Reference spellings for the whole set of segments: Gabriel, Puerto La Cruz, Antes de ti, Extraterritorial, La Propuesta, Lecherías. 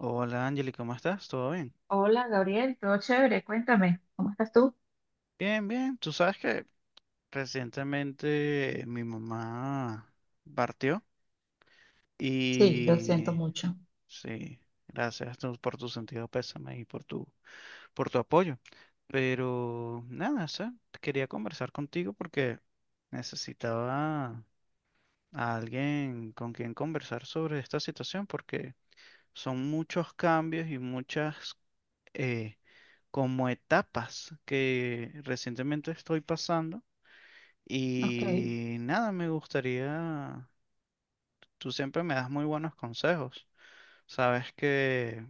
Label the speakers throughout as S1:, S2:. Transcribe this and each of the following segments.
S1: Hola Angeli, ¿cómo estás? ¿Todo bien?
S2: Hola Gabriel, todo chévere, cuéntame, ¿cómo estás tú?
S1: Bien, bien. Tú sabes que recientemente mi mamá partió
S2: Sí, lo siento
S1: y
S2: mucho.
S1: sí, gracias tú por tu sentido pésame y por por tu apoyo. Pero nada, o quería conversar contigo porque necesitaba a alguien con quien conversar sobre esta situación porque son muchos cambios y muchas eh, como etapas que recientemente estoy pasando.
S2: Ok.
S1: Y nada, me gustaría, tú siempre me das muy buenos consejos. Sabes que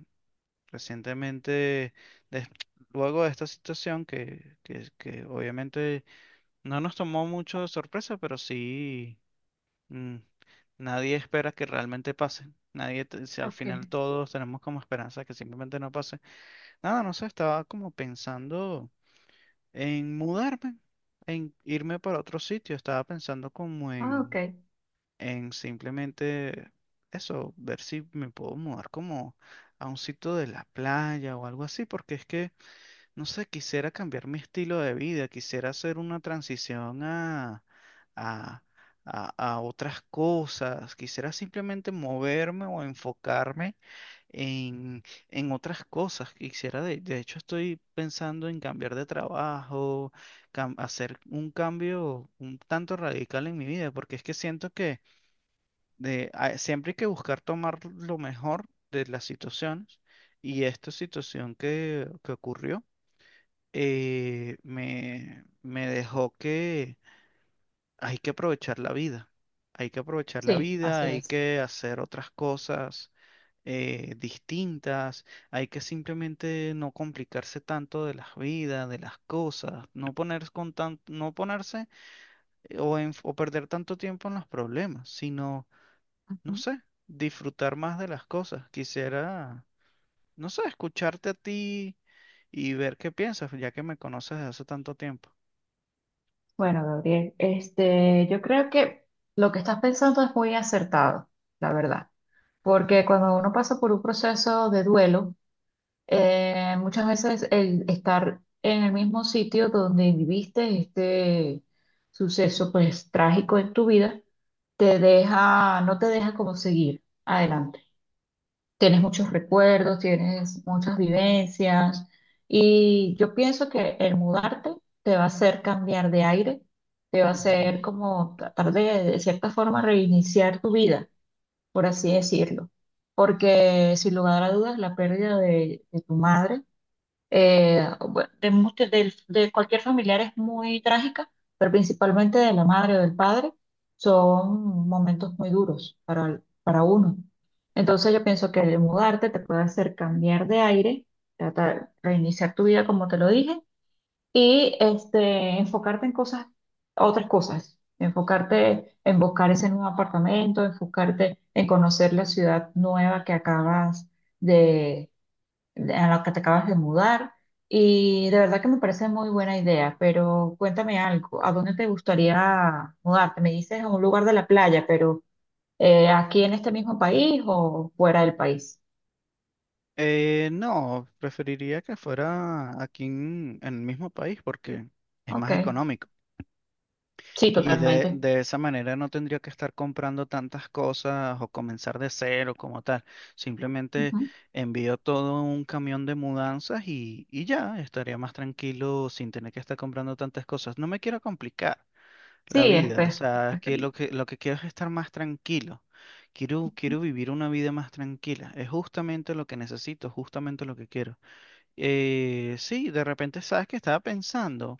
S1: recientemente, des- luego de esta situación que obviamente no nos tomó mucho de sorpresa, pero sí, mm, nadie espera que realmente pase. Nadie, si al
S2: Ok.
S1: final todos tenemos como esperanza que simplemente no pase. Nada, no sé, estaba como pensando en mudarme, en irme para otro sitio, estaba pensando como
S2: Ah, ok.
S1: en simplemente eso, ver si me puedo mudar como a un sitio de la playa o algo así, porque es que, no sé, quisiera cambiar mi estilo de vida, quisiera hacer una transición a, a otras cosas, quisiera simplemente moverme o enfocarme en, en otras cosas que quisiera. De hecho, estoy pensando en cambiar de trabajo, hacer un cambio un tanto radical en mi vida, porque es que siento que siempre hay que buscar tomar lo mejor de las situaciones y esta situación que ocurrió, me dejó que hay que aprovechar la vida, hay que aprovechar la
S2: Sí,
S1: vida,
S2: así
S1: hay
S2: es.
S1: que hacer otras cosas distintas, hay que simplemente no complicarse tanto de las vidas, de las cosas, no ponerse o perder tanto tiempo en los problemas, sino, no
S2: Ujú.
S1: sé, disfrutar más de las cosas. Quisiera, no sé, escucharte a ti y ver qué piensas, ya que me conoces desde hace tanto tiempo.
S2: Bueno, Gabriel, yo creo que lo que estás pensando es muy acertado, la verdad. Porque cuando uno pasa por un proceso de duelo, muchas veces el estar en el mismo sitio donde viviste este suceso, pues, trágico en tu vida, te deja, no te deja como seguir adelante. Tienes muchos recuerdos, tienes muchas vivencias y yo pienso que el mudarte te va a hacer cambiar de aire, te va a hacer
S1: Ujú.
S2: como tratar de cierta forma, reiniciar tu vida, por así decirlo. Porque sin lugar a dudas, la pérdida de tu madre, bueno, de, muchos- del- de cualquier familiar es muy trágica, pero principalmente de la madre o del padre, son momentos muy duros para uno. Entonces yo pienso que el mudarte te puede hacer cambiar de aire, tratar, reiniciar tu vida como te lo dije, y enfocarte en cosas, otras cosas, enfocarte en buscar ese nuevo apartamento, enfocarte en conocer la ciudad nueva que acabas a la que te acabas de mudar. Y de verdad que me parece muy buena idea, pero cuéntame algo, ¿a dónde te gustaría mudarte? Me dices a un lugar de la playa, pero ¿aquí en este mismo país o fuera del país?
S1: No, preferiría que fuera aquí en el mismo país porque es
S2: Ok,
S1: más económico.
S2: sí,
S1: Y
S2: totalmente.
S1: de esa manera no tendría que estar comprando tantas cosas o comenzar de cero como tal. Simplemente
S2: Ujú.
S1: envío todo un camión de mudanzas y ya estaría más tranquilo sin tener que estar comprando tantas cosas. No me quiero complicar la
S2: Sí, es
S1: vida, o
S2: pe-
S1: sea, es que
S2: preferido.
S1: lo que quiero es estar más tranquilo. Quiero vivir una vida más tranquila. Es justamente lo que necesito, justamente lo que quiero. Sí, de repente sabes que estaba pensando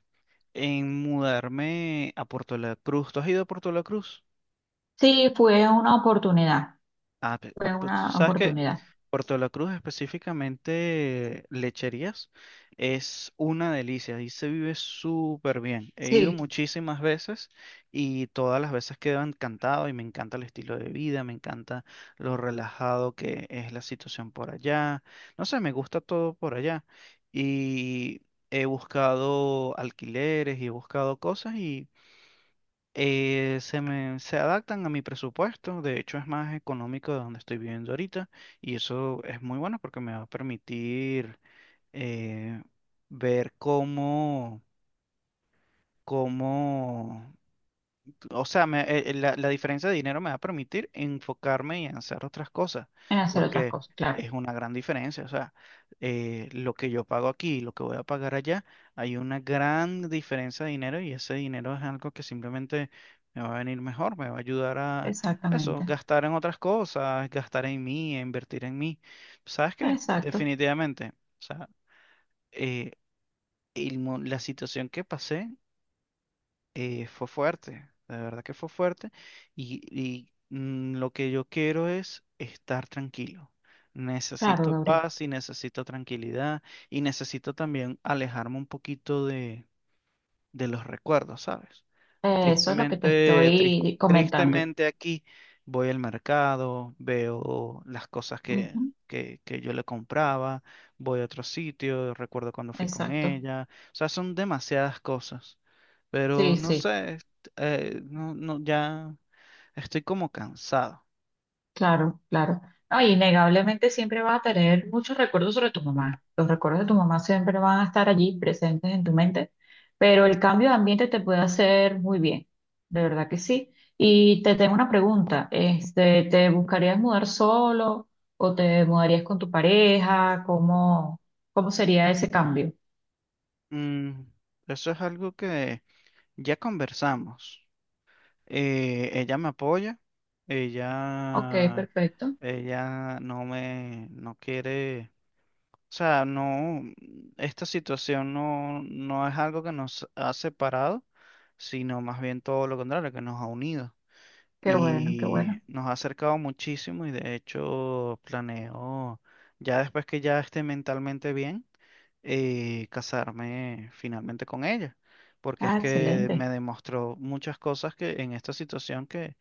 S1: en mudarme a Puerto La Cruz. ¿Tú has ido a Puerto La Cruz?
S2: Sí, fue una oportunidad,
S1: Ah,
S2: fue
S1: pues tú
S2: una
S1: sabes que
S2: oportunidad.
S1: Puerto la Cruz, específicamente Lecherías, es una delicia. Ahí se vive súper bien. He ido
S2: Sí,
S1: muchísimas veces y todas las veces quedo encantado y me encanta el estilo de vida, me encanta lo relajado que es la situación por allá. No sé, me gusta todo por allá. Y he buscado alquileres y he buscado cosas y se adaptan a mi presupuesto, de hecho es más económico de donde estoy viviendo ahorita y eso es muy bueno porque me va a permitir eh, ver cómo, cómo o sea, la diferencia de dinero me va a permitir enfocarme y en hacer otras cosas,
S2: en hacer otras
S1: porque
S2: cosas, claro.
S1: es una gran diferencia. O sea, lo que yo pago aquí y lo que voy a pagar allá, hay una gran diferencia de dinero y ese dinero es algo que simplemente me va a venir mejor, me va a ayudar a eso,
S2: Exactamente,
S1: gastar en otras cosas, gastar en mí, invertir en mí. ¿Sabes qué?
S2: exacto,
S1: Definitivamente, o sea, eh, la situación que pasé fue fuerte, la verdad que fue fuerte lo que yo quiero es estar tranquilo.
S2: claro,
S1: Necesito
S2: Gabriel.
S1: paz y necesito tranquilidad y necesito también alejarme un poquito de los recuerdos, ¿sabes?
S2: Eso es lo que te
S1: Tristemente,
S2: estoy comentando.
S1: tristemente aquí voy al mercado, veo las cosas
S2: Ujú.
S1: que yo le compraba, voy a otro sitio, recuerdo cuando fui con
S2: Exacto.
S1: ella, o sea, son demasiadas cosas. Pero
S2: Sí,
S1: no
S2: sí,
S1: sé, no, no, ya estoy como cansado.
S2: claro, claro. No, innegablemente siempre vas a tener muchos recuerdos sobre tu mamá. Los recuerdos de tu mamá siempre van a estar allí presentes en tu mente, pero el cambio de ambiente te puede hacer muy bien, de verdad que sí. Y te tengo una pregunta, este, ¿te buscarías mudar solo o te mudarías con tu pareja? ¿Cómo, cómo sería ese cambio?
S1: Mm, eso es algo que ya conversamos. Ella me apoya,
S2: Ok,
S1: ella,
S2: perfecto.
S1: ella no me, no quiere, o sea, no, esta situación no, no es algo que nos ha separado, sino más bien todo lo contrario, que nos ha unido,
S2: Qué bueno, qué
S1: y
S2: bueno.
S1: nos ha acercado muchísimo y de hecho planeo, ya después que ya esté mentalmente bien, casarme finalmente con ella, porque es
S2: Ah,
S1: que me
S2: excelente.
S1: demostró muchas cosas que en esta situación que,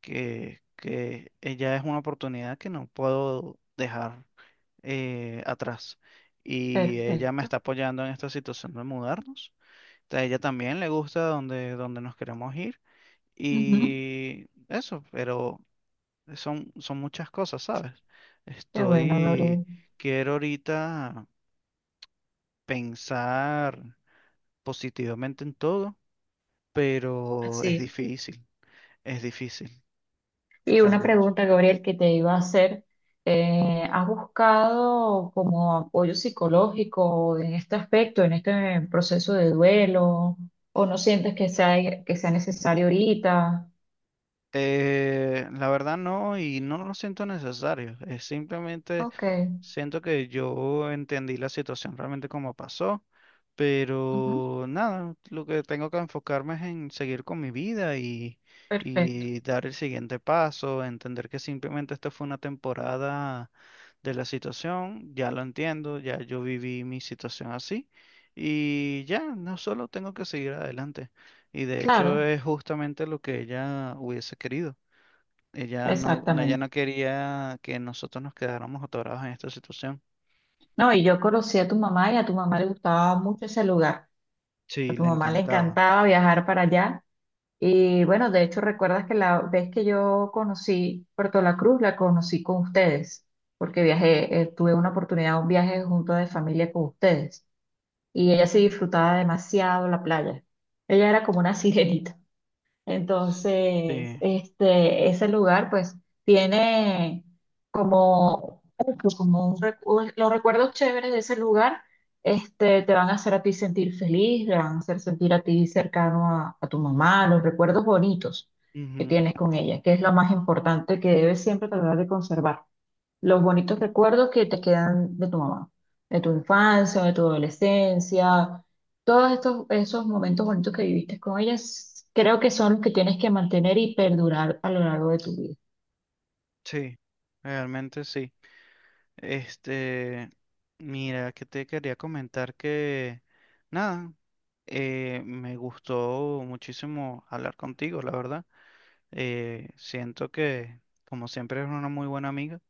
S1: que, que ella es una oportunidad que no puedo dejar atrás. Y ella me
S2: Perfecto.
S1: está apoyando en esta situación de mudarnos. A ella también le gusta donde nos queremos ir.
S2: Ujú.
S1: Y eso, pero son muchas cosas, ¿sabes?
S2: Qué bueno,
S1: Estoy,
S2: Gabriel.
S1: quiero ahorita pensar positivamente en todo, pero
S2: Así.
S1: es difícil,
S2: Y una
S1: realmente.
S2: pregunta, Gabriel, que te iba a hacer. ¿Has buscado como apoyo psicológico en este aspecto, en este proceso de duelo? ¿O no sientes que sea necesario ahorita?
S1: La verdad no, y no lo siento necesario, es simplemente
S2: Ok,
S1: siento que yo entendí la situación realmente como pasó.
S2: ujú,
S1: Pero nada, lo que tengo que enfocarme es en seguir con mi vida
S2: perfecto.
S1: y dar el siguiente paso, entender que simplemente esta fue una temporada de la situación, ya lo entiendo, ya yo viví mi situación así y ya, no solo tengo que seguir adelante. Y de hecho
S2: Claro,
S1: es justamente lo que ella hubiese querido. Ella ella
S2: exactamente.
S1: no quería que nosotros nos quedáramos atorados en esta situación.
S2: No, y yo conocí a tu mamá y a tu mamá le gustaba mucho ese lugar. A
S1: Sí,
S2: tu
S1: le
S2: mamá le
S1: encantaba.
S2: encantaba viajar para allá. Y bueno, de hecho, recuerdas que la vez que yo conocí Puerto La Cruz, la conocí con ustedes, porque viajé, tuve una oportunidad, un viaje junto de familia con ustedes. Y ella sí disfrutaba demasiado la playa. Ella era como una sirenita. Entonces,
S1: Sí.
S2: ese lugar pues tiene como, como un recu- los recuerdos chéveres de ese lugar, este, te van a hacer a ti sentir feliz, te van a hacer sentir a ti cercano a tu mamá, los recuerdos bonitos que
S1: Ujú.
S2: tienes con ella, que es lo más importante que debes siempre tratar de conservar. Los bonitos recuerdos que te quedan de tu mamá, de tu infancia, de tu adolescencia, todos estos, esos momentos bonitos que viviste con ellas, creo que son los que tienes que mantener y perdurar a lo largo de tu vida.
S1: Sí, realmente sí. Este, mira, que te quería comentar que, nada, me gustó muchísimo hablar contigo, la verdad. Siento que, como siempre, eres una muy buena amiga.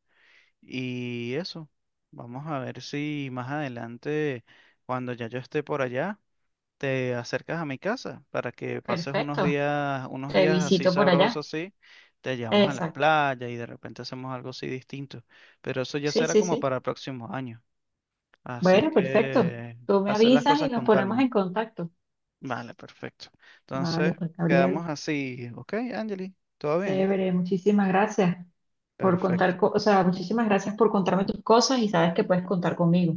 S1: Y eso, vamos a ver si más adelante, cuando ya yo esté por allá, te acercas a mi casa para que pases
S2: Perfecto.
S1: unos
S2: Te
S1: días así
S2: visito por allá.
S1: sabrosos, así. Te llevamos a la
S2: Exacto.
S1: playa y de repente hacemos algo así distinto. Pero eso ya
S2: Sí,
S1: será
S2: sí,
S1: como
S2: sí.
S1: para el próximo año. Así
S2: Bueno, perfecto.
S1: que
S2: Tú me
S1: hacer las
S2: avisas y
S1: cosas
S2: nos
S1: con
S2: ponemos
S1: calma.
S2: en contacto.
S1: Vale, perfecto. Entonces,
S2: Vale, pues Gabriel,
S1: quedamos así. Ok, Angeli, ¿todo bien?
S2: chévere, muchísimas gracias por
S1: Perfecto.
S2: contar, co- o sea, muchísimas gracias por contarme tus cosas y sabes que puedes contar conmigo.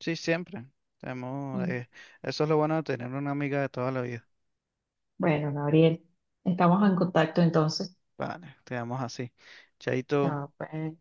S1: Sí, siempre. Tenemos, eso es lo bueno de tener una amiga de toda la vida.
S2: Bueno, Gabriel, estamos en contacto entonces.
S1: Vale, quedamos así. Chaito.
S2: Chao, pues.